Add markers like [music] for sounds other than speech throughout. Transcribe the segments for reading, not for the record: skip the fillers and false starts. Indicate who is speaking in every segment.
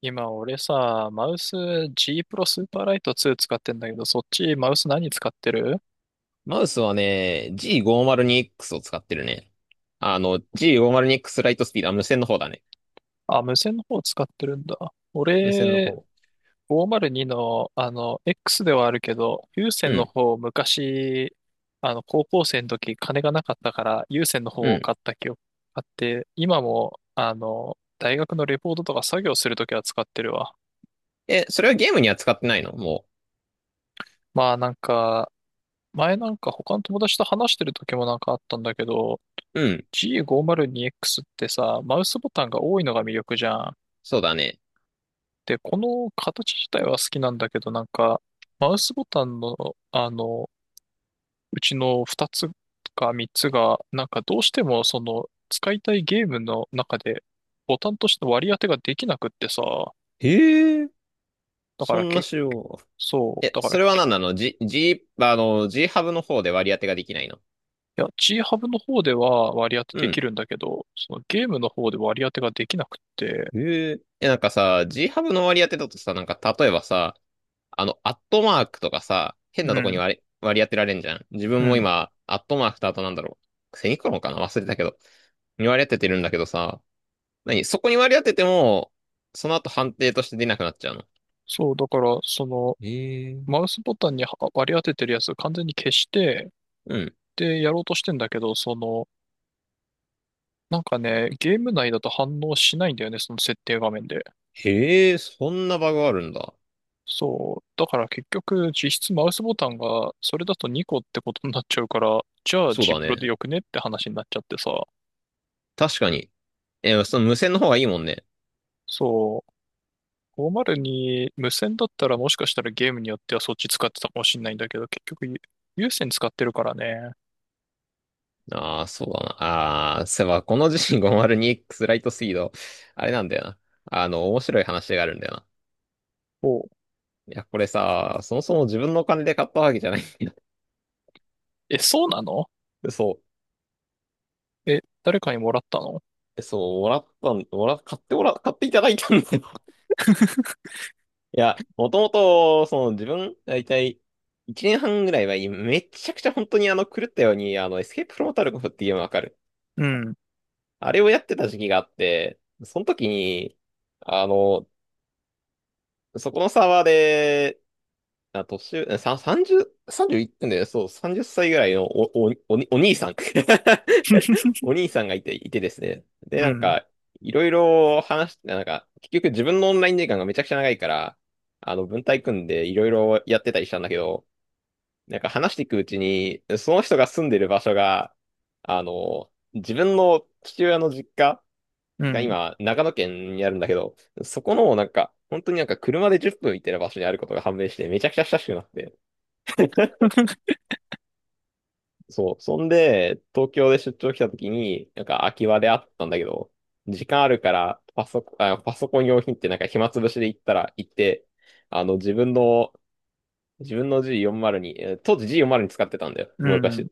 Speaker 1: 今俺さ、マウス G プロスーパーライト2使ってんだけど、そっちマウス何使ってる？
Speaker 2: マウスはね、G502X を使ってるね。G502X ライトスピード、あ、無線の方だね。
Speaker 1: あ、無線の方使ってるんだ。
Speaker 2: 無線の
Speaker 1: 俺、
Speaker 2: 方。
Speaker 1: 502の、X ではあるけど、有
Speaker 2: う
Speaker 1: 線の
Speaker 2: ん、
Speaker 1: 方、昔、高校生の時、金がなかったから、有線の
Speaker 2: う
Speaker 1: 方を
Speaker 2: ん。
Speaker 1: 買った記憶あって、今も、大学のレポートとか作業するときは使ってるわ。
Speaker 2: え、それはゲームには使ってないのも
Speaker 1: まあなんか、前なんか他の友達と話してる時もなんかあったんだけど、
Speaker 2: う。うん、
Speaker 1: G502X ってさ、マウスボタンが多いのが魅力じゃん。
Speaker 2: そうだね。
Speaker 1: で、この形自体は好きなんだけど、なんか、マウスボタンの、あの、うちの2つか3つが、なんかどうしてもその、使いたいゲームの中で、ボタンとしての割り当てができなくってさ、
Speaker 2: へえ、
Speaker 1: だか
Speaker 2: そ
Speaker 1: ら
Speaker 2: んな
Speaker 1: け、
Speaker 2: 仕様。
Speaker 1: そう、
Speaker 2: え、
Speaker 1: だから
Speaker 2: それは
Speaker 1: け、
Speaker 2: 何なの？ G、G、G ハブの方で割り当てができないの
Speaker 1: いや、G ハブの方では割り当て
Speaker 2: う
Speaker 1: でき
Speaker 2: ん。
Speaker 1: るんだけど、そのゲームの方で割り当てができなくって、
Speaker 2: へえ。え、なんかさ、G ハブの割り当てだとさ、なんか例えばさ、アットマークとかさ、変な
Speaker 1: う
Speaker 2: とこに
Speaker 1: ん、
Speaker 2: 割り当てられんじゃん。自
Speaker 1: う
Speaker 2: 分も
Speaker 1: ん。
Speaker 2: 今、アットマークとあとなんだろう。セミコロンかな忘れたけど。に割り当ててるんだけどさ、何そこに割り当てても、その後判定として出なくなっちゃうの。
Speaker 1: そう、だから、その、
Speaker 2: へえ
Speaker 1: マウスボタンには割り当ててるやつを完全に消して、
Speaker 2: うん。
Speaker 1: で、やろうとしてんだけど、その、なんかね、ゲーム内だと反応しないんだよね、その設定画面で。
Speaker 2: へえ、そんなバグあるんだ。
Speaker 1: そう。だから結局、実質マウスボタンが、それだと2個ってことになっちゃうから、じゃあ
Speaker 2: そう
Speaker 1: ジ
Speaker 2: だ
Speaker 1: プロ
Speaker 2: ね。
Speaker 1: でよくねって話になっちゃってさ。
Speaker 2: 確かに。え、その無線の方がいいもんね。
Speaker 1: そう。502無線だったらもしかしたらゲームによってはそっち使ってたかもしんないんだけど、結局有線使ってるからね。
Speaker 2: ああ、そうだな。ああ、そういえば、この G502X ライトスピード、あれなんだよな。面白い話があるんだよな。
Speaker 1: おう。
Speaker 2: いや、これさ、そもそも自分のお金で買ったわけじゃない。
Speaker 1: え、そうなの？
Speaker 2: [laughs] そ
Speaker 1: え、誰かにもらったの？
Speaker 2: う。そう、もらったん、もら、買ってもら、買っていただいたんだよ。[laughs] いや、もともと、その自分、だいたい1年半ぐらいは、めちゃくちゃ本当に狂ったように、エスケープフロモタルコフっていうのわかる。
Speaker 1: うん。
Speaker 2: あれをやってた時期があって、その時に、あの、そこのサーバーで、あ、年上、さ、30、3いってんだよ。そう、30歳ぐらいのお兄さん。[laughs]
Speaker 1: [laughs]
Speaker 2: お兄さんがいてですね。で、
Speaker 1: う
Speaker 2: なん
Speaker 1: ん。[laughs]
Speaker 2: か、いろいろ話して、なんか、結局自分のオンライン時間がめちゃくちゃ長いから、文体組んでいろいろやってたりしたんだけど、なんか話していくうちに、その人が住んでる場所が、自分の父親の実家
Speaker 1: う
Speaker 2: が
Speaker 1: ん。
Speaker 2: 今、長野県にあるんだけど、そこの、なんか、本当になんか車で10分行ってる場所にあることが判明して、めちゃくちゃ親しくなって、
Speaker 1: [laughs]
Speaker 2: そう。そんで、東京で出張来た時に、なんか空き場であったんだけど、時間あるから、パソコン用品ってなんか暇つぶしで行ったら、行って、あの、自分の、自分の G40 に、当時 G40 に使ってたんだよ。
Speaker 1: う
Speaker 2: もう
Speaker 1: ん。
Speaker 2: 昔。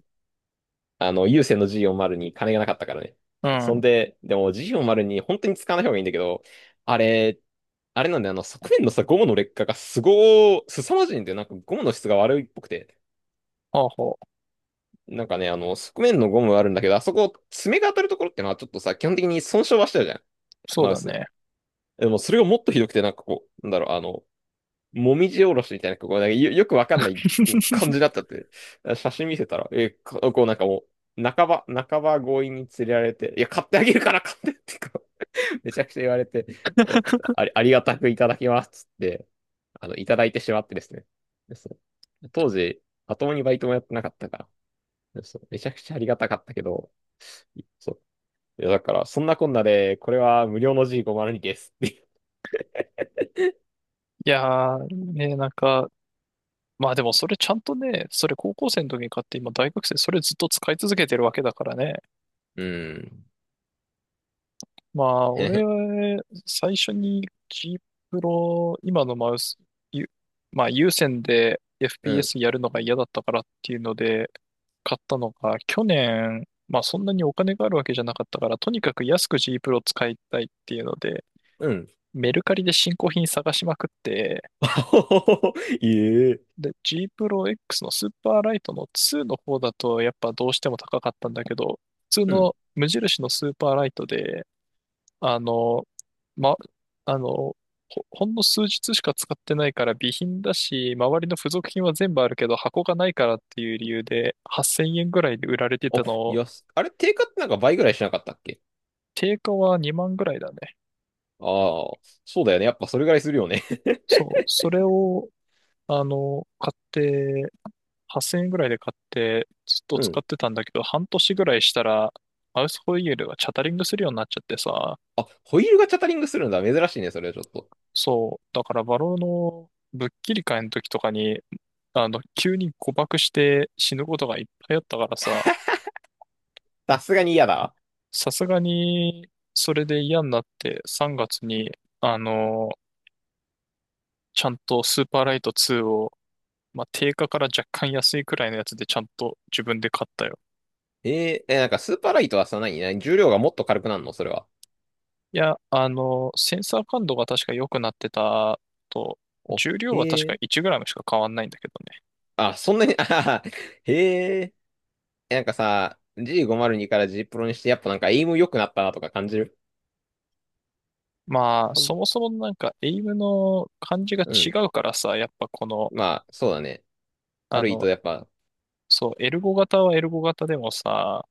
Speaker 2: 有線の G40 に金がなかったからね。
Speaker 1: う
Speaker 2: そん
Speaker 1: ん。
Speaker 2: で、でも G40 に本当に使わない方がいいんだけど、あれ、あれなんだよ、あの、側面のさ、ゴムの劣化がすごー、すさまじいんだよ。なんかゴムの質が悪いっぽくて。
Speaker 1: ほうほう。
Speaker 2: なんかね、側面のゴムはあるんだけど、あそこ、爪が当たるところってのはちょっとさ、基本的に損傷はしてるじゃん、
Speaker 1: そう
Speaker 2: マウ
Speaker 1: だ
Speaker 2: ス。
Speaker 1: ね。
Speaker 2: でも、それがもっとひどくて、もみじおろしみたいな、よくわかんない感じになっ
Speaker 1: [laughs]
Speaker 2: ちゃって、写真見せたら、え、かこうなんかもう、半ば強引に連れられて、いや、買ってあげるから買ってってめちゃくちゃ言われて、おありがたくいただきますっつって、いただいてしまってですね。ですね当時、まともにバイトもやってなかったから、そう、めちゃくちゃありがたかったけど、そう。いや、だから、そんなこんなで、これは無料の G502 です。[laughs]
Speaker 1: いやー、ね、なんか、まあでもそれちゃんとね、それ高校生の時に買って今大学生それずっと使い続けてるわけだからね。
Speaker 2: うん。
Speaker 1: まあ俺
Speaker 2: [laughs]
Speaker 1: は最初に G プロ、今のマウス、ゆまあ有線で
Speaker 2: うん。
Speaker 1: FPS やるのが嫌だったからっていうので買ったのが去年、まあそんなにお金があるわけじゃなかったからとにかく安く G プロ使いたいっていうので
Speaker 2: うん。
Speaker 1: メルカリで新興品探しまくって、
Speaker 2: [laughs] いえ。
Speaker 1: で、G プロ X のスーパーライトの2の方だとやっぱどうしても高かったんだけど、普通
Speaker 2: うん。
Speaker 1: の無印のスーパーライトで、あの、ま、あの、ほ、ほんの数日しか使ってないから備品だし、周りの付属品は全部あるけど箱がないからっていう理由で8000円ぐらいで売られて
Speaker 2: お、
Speaker 1: たのを、
Speaker 2: あれ、定価ってなんか倍ぐらいしなかったっけ。
Speaker 1: 定価は2万ぐらいだね。
Speaker 2: ああー、そうだよね。やっぱそれぐらいするよね。
Speaker 1: そう、それを、買って、8000円ぐらいで買って、ずっ
Speaker 2: [laughs]
Speaker 1: と
Speaker 2: う
Speaker 1: 使
Speaker 2: ん。
Speaker 1: ってたんだけど、半年ぐらいしたら、マウスホイールがチャタリングするようになっちゃってさ、
Speaker 2: あ、ホイールがチャタリングするんだ。珍しいね、それはちょっと。
Speaker 1: そう、だからバローのぶっきり会の時とかに、急に誤爆して死ぬことがいっぱいあったからさ、
Speaker 2: さすがに嫌だ。
Speaker 1: さすがに、それで嫌になって3月に、あの、ちゃんとスーパーライト2を、まあ、定価から若干安いくらいのやつでちゃんと自分で買ったよ。
Speaker 2: えー、え、なんかスーパーライトはさ、何重量がもっと軽くなるのそれは。
Speaker 1: いや、センサー感度が確か良くなってたと、
Speaker 2: お、
Speaker 1: 重量は
Speaker 2: へ
Speaker 1: 確か
Speaker 2: え。
Speaker 1: 1g しか変わんないんだけどね。
Speaker 2: あ、そんなに、[laughs] あははへえ。なんかさ、G502 から G プロにして、やっぱなんかエイム良くなったなとか感じる
Speaker 1: まあ、
Speaker 2: う
Speaker 1: そ
Speaker 2: ん。
Speaker 1: もそもなんか、エイムの感じが
Speaker 2: う
Speaker 1: 違
Speaker 2: ん
Speaker 1: うからさ、やっぱこの、
Speaker 2: まあ、そうだね。ハ
Speaker 1: あ
Speaker 2: ルイと
Speaker 1: の、
Speaker 2: やっぱ、
Speaker 1: そう、エルゴ型はエルゴ型でもさ、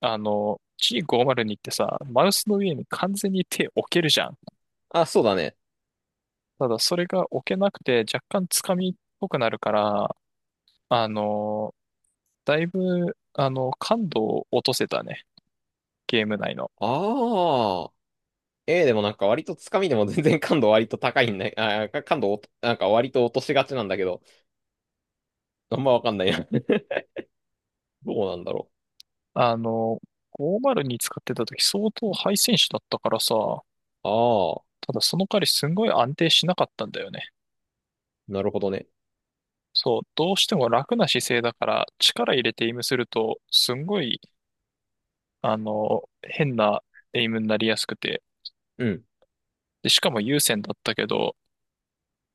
Speaker 1: G502 ってさ、マウスの上に完全に手置けるじゃん。
Speaker 2: あ、そうだね。
Speaker 1: ただ、それが置けなくて、若干つかみっぽくなるから、あの、だいぶ、感度を落とせたね、ゲーム内の。
Speaker 2: ああ。でもなんか割とつかみでも [laughs] 全然感度割と高いんだ、あー、感度おとなんか割と落としがちなんだけど、[laughs] あんまわかんないな。[laughs] どうなんだろ
Speaker 1: あの、502使ってた時相当ハイ選手だったからさ、
Speaker 2: う。ああ、
Speaker 1: ただその代わりすんごい安定しなかったんだよね。
Speaker 2: なるほどね。
Speaker 1: そう、どうしても楽な姿勢だから力入れてエイムするとすんごい、変なエイムになりやすくて、
Speaker 2: うん。
Speaker 1: で、しかも優先だったけど、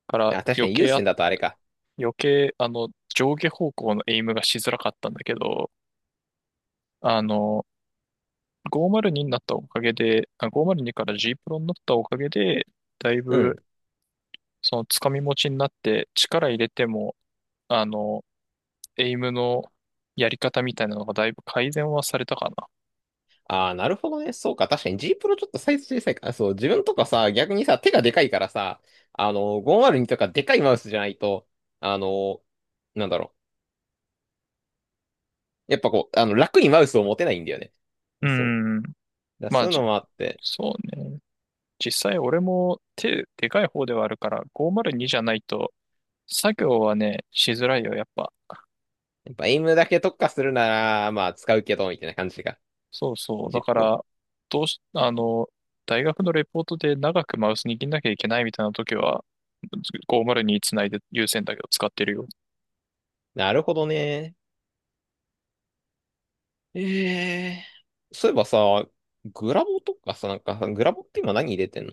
Speaker 1: から
Speaker 2: あ、確か
Speaker 1: 余
Speaker 2: に優
Speaker 1: 計あ、
Speaker 2: 先だとあれか。
Speaker 1: 余計、上下方向のエイムがしづらかったんだけど、あの、ごー0 2にになったおかげで、502から G プロになったおかげで、だい
Speaker 2: う
Speaker 1: ぶ
Speaker 2: ん。
Speaker 1: そのつかみ持ちになって力入れても、あの、エイムのやり方みたいなのがだいぶ改善はされたかな。
Speaker 2: ああ、なるほどね。そうか。確かに G プロちょっとサイズ小さいから。そう、自分とかさ、逆にさ、手がでかいからさ、5 0にとかでかいマウスじゃないと、あの、なんだろやっぱこう、楽にマウスを持てないんだよね。
Speaker 1: う
Speaker 2: そう。だか
Speaker 1: ん。
Speaker 2: ら
Speaker 1: ま
Speaker 2: そ
Speaker 1: あ、
Speaker 2: ういうのもあって、
Speaker 1: そうね。実際俺も手でかい方ではあるから、502じゃないと作業はね、しづらいよ、やっぱ。
Speaker 2: やっぱエイムだけ特化するなら、まあ、使うけど、みたいな感じが。
Speaker 1: そうそう。だ
Speaker 2: G
Speaker 1: か
Speaker 2: プロ。
Speaker 1: ら、どうし、あの、大学のレポートで長くマウス握んなきゃいけないみたいな時は、5 0につないで優先だけど使ってるよ。
Speaker 2: なるほどね。ええそういえばさ、グラボとかさ、なんかさ、グラボって今何入れてんの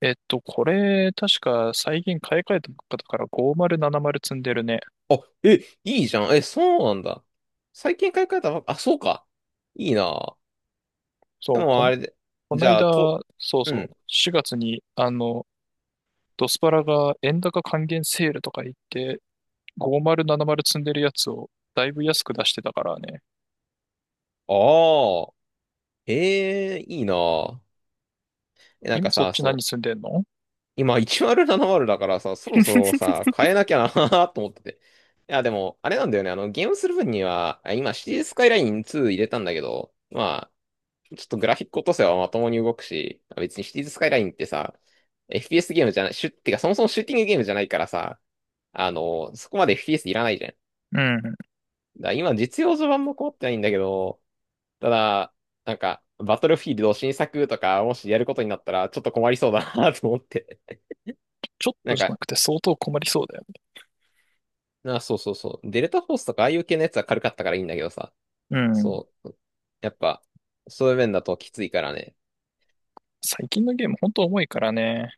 Speaker 1: えっと、これ、確か最近買い替えたばっかだから5070積んでるね。
Speaker 2: あ、え、いいじゃん。え、そうなんだ。最近買い替えたばっか、あ、そうか。いいな。で
Speaker 1: そう、
Speaker 2: もあれで、
Speaker 1: こ
Speaker 2: じ
Speaker 1: ない
Speaker 2: ゃあ、
Speaker 1: だ、
Speaker 2: と、
Speaker 1: そう
Speaker 2: う
Speaker 1: そう、
Speaker 2: ん。
Speaker 1: 4月に、ドスパラが円高還元セールとか言って、5070積んでるやつをだいぶ安く出してたからね。
Speaker 2: ああ、ええいいな。え、なんか
Speaker 1: 今そっ
Speaker 2: さ、
Speaker 1: ち何
Speaker 2: そう、
Speaker 1: 積んでんの？
Speaker 2: 今1070だからさ、そろそろさ、変えなきゃな [laughs] と思ってて。いや、でも、あれなんだよね。ゲームする分には、あ今、シティスカイライン2入れたんだけど、まちょっとグラフィック落とせばまともに動くし、別にシティーズスカイラインってさ、FPS ゲームじゃない、シュってかそもそもシューティングゲームじゃないからさ、そこまで FPS いらないじゃん。だか
Speaker 1: うん。
Speaker 2: ら今実用序盤も困ってないんだけど、ただ、なんか、バトルフィールド新作とか、もしやることになったら、ちょっと困りそうだな [laughs] と思って。
Speaker 1: ちょっ
Speaker 2: [laughs]
Speaker 1: と
Speaker 2: なん
Speaker 1: じゃ
Speaker 2: か、
Speaker 1: なくて相当困りそうだよね？
Speaker 2: そうそうそう。デルタフォースとかああいう系のやつは軽かったからいいんだけどさ、
Speaker 1: うん。
Speaker 2: そう。やっぱ、そういう面だときついからね。
Speaker 1: 最近のゲームほんと重いからね。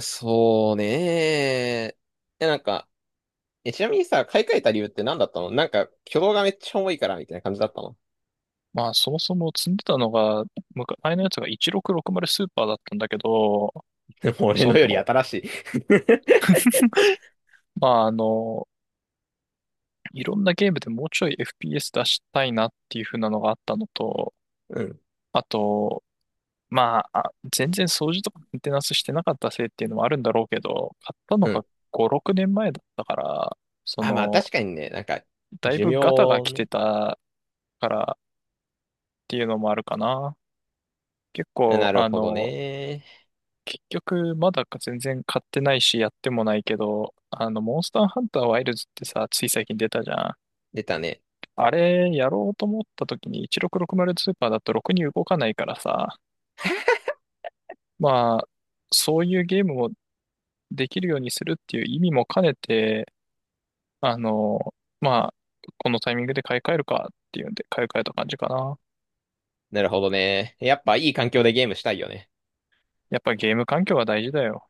Speaker 2: そうねえ、えなんか、え、ちなみにさ、買い替えた理由って何だったのなんか、挙動がめっちゃ重いから、みたいな感じだったの
Speaker 1: まあそもそも積んでたのが、昔前のやつが1660スーパーだったんだけど、
Speaker 2: [laughs] もう俺
Speaker 1: そ
Speaker 2: のより
Speaker 1: の、
Speaker 2: 新しい
Speaker 1: [laughs] まあいろんなゲームでもうちょい FPS 出したいなっていう風なのがあったのと、
Speaker 2: [laughs] うん、
Speaker 1: あと、まあ、全然掃除とかメンテナンスしてなかったせいっていうのもあるんだろうけど、買ったの
Speaker 2: う
Speaker 1: が
Speaker 2: ん。
Speaker 1: 5、6年前だったから、そ
Speaker 2: あ、まあ
Speaker 1: の、
Speaker 2: 確かにね、なんか、
Speaker 1: だい
Speaker 2: 寿
Speaker 1: ぶガタが
Speaker 2: 命
Speaker 1: 来て
Speaker 2: ね。
Speaker 1: たからっていうのもあるかな。結構、
Speaker 2: なる
Speaker 1: あ
Speaker 2: ほど
Speaker 1: の、
Speaker 2: ね。
Speaker 1: 結局、まだか全然買ってないし、やってもないけど、モンスターハンターワイルズってさ、つい最近出たじゃん。
Speaker 2: 出たね。
Speaker 1: あれ、やろうと思った時に1660スーパーだとろくに動かないからさ、まあ、そういうゲームをできるようにするっていう意味も兼ねて、あの、まあ、このタイミングで買い替えるかっていうんで買い替えた感じかな。
Speaker 2: なるほどね。やっぱいい環境でゲームしたいよね。
Speaker 1: やっぱゲーム環境は大事だよ。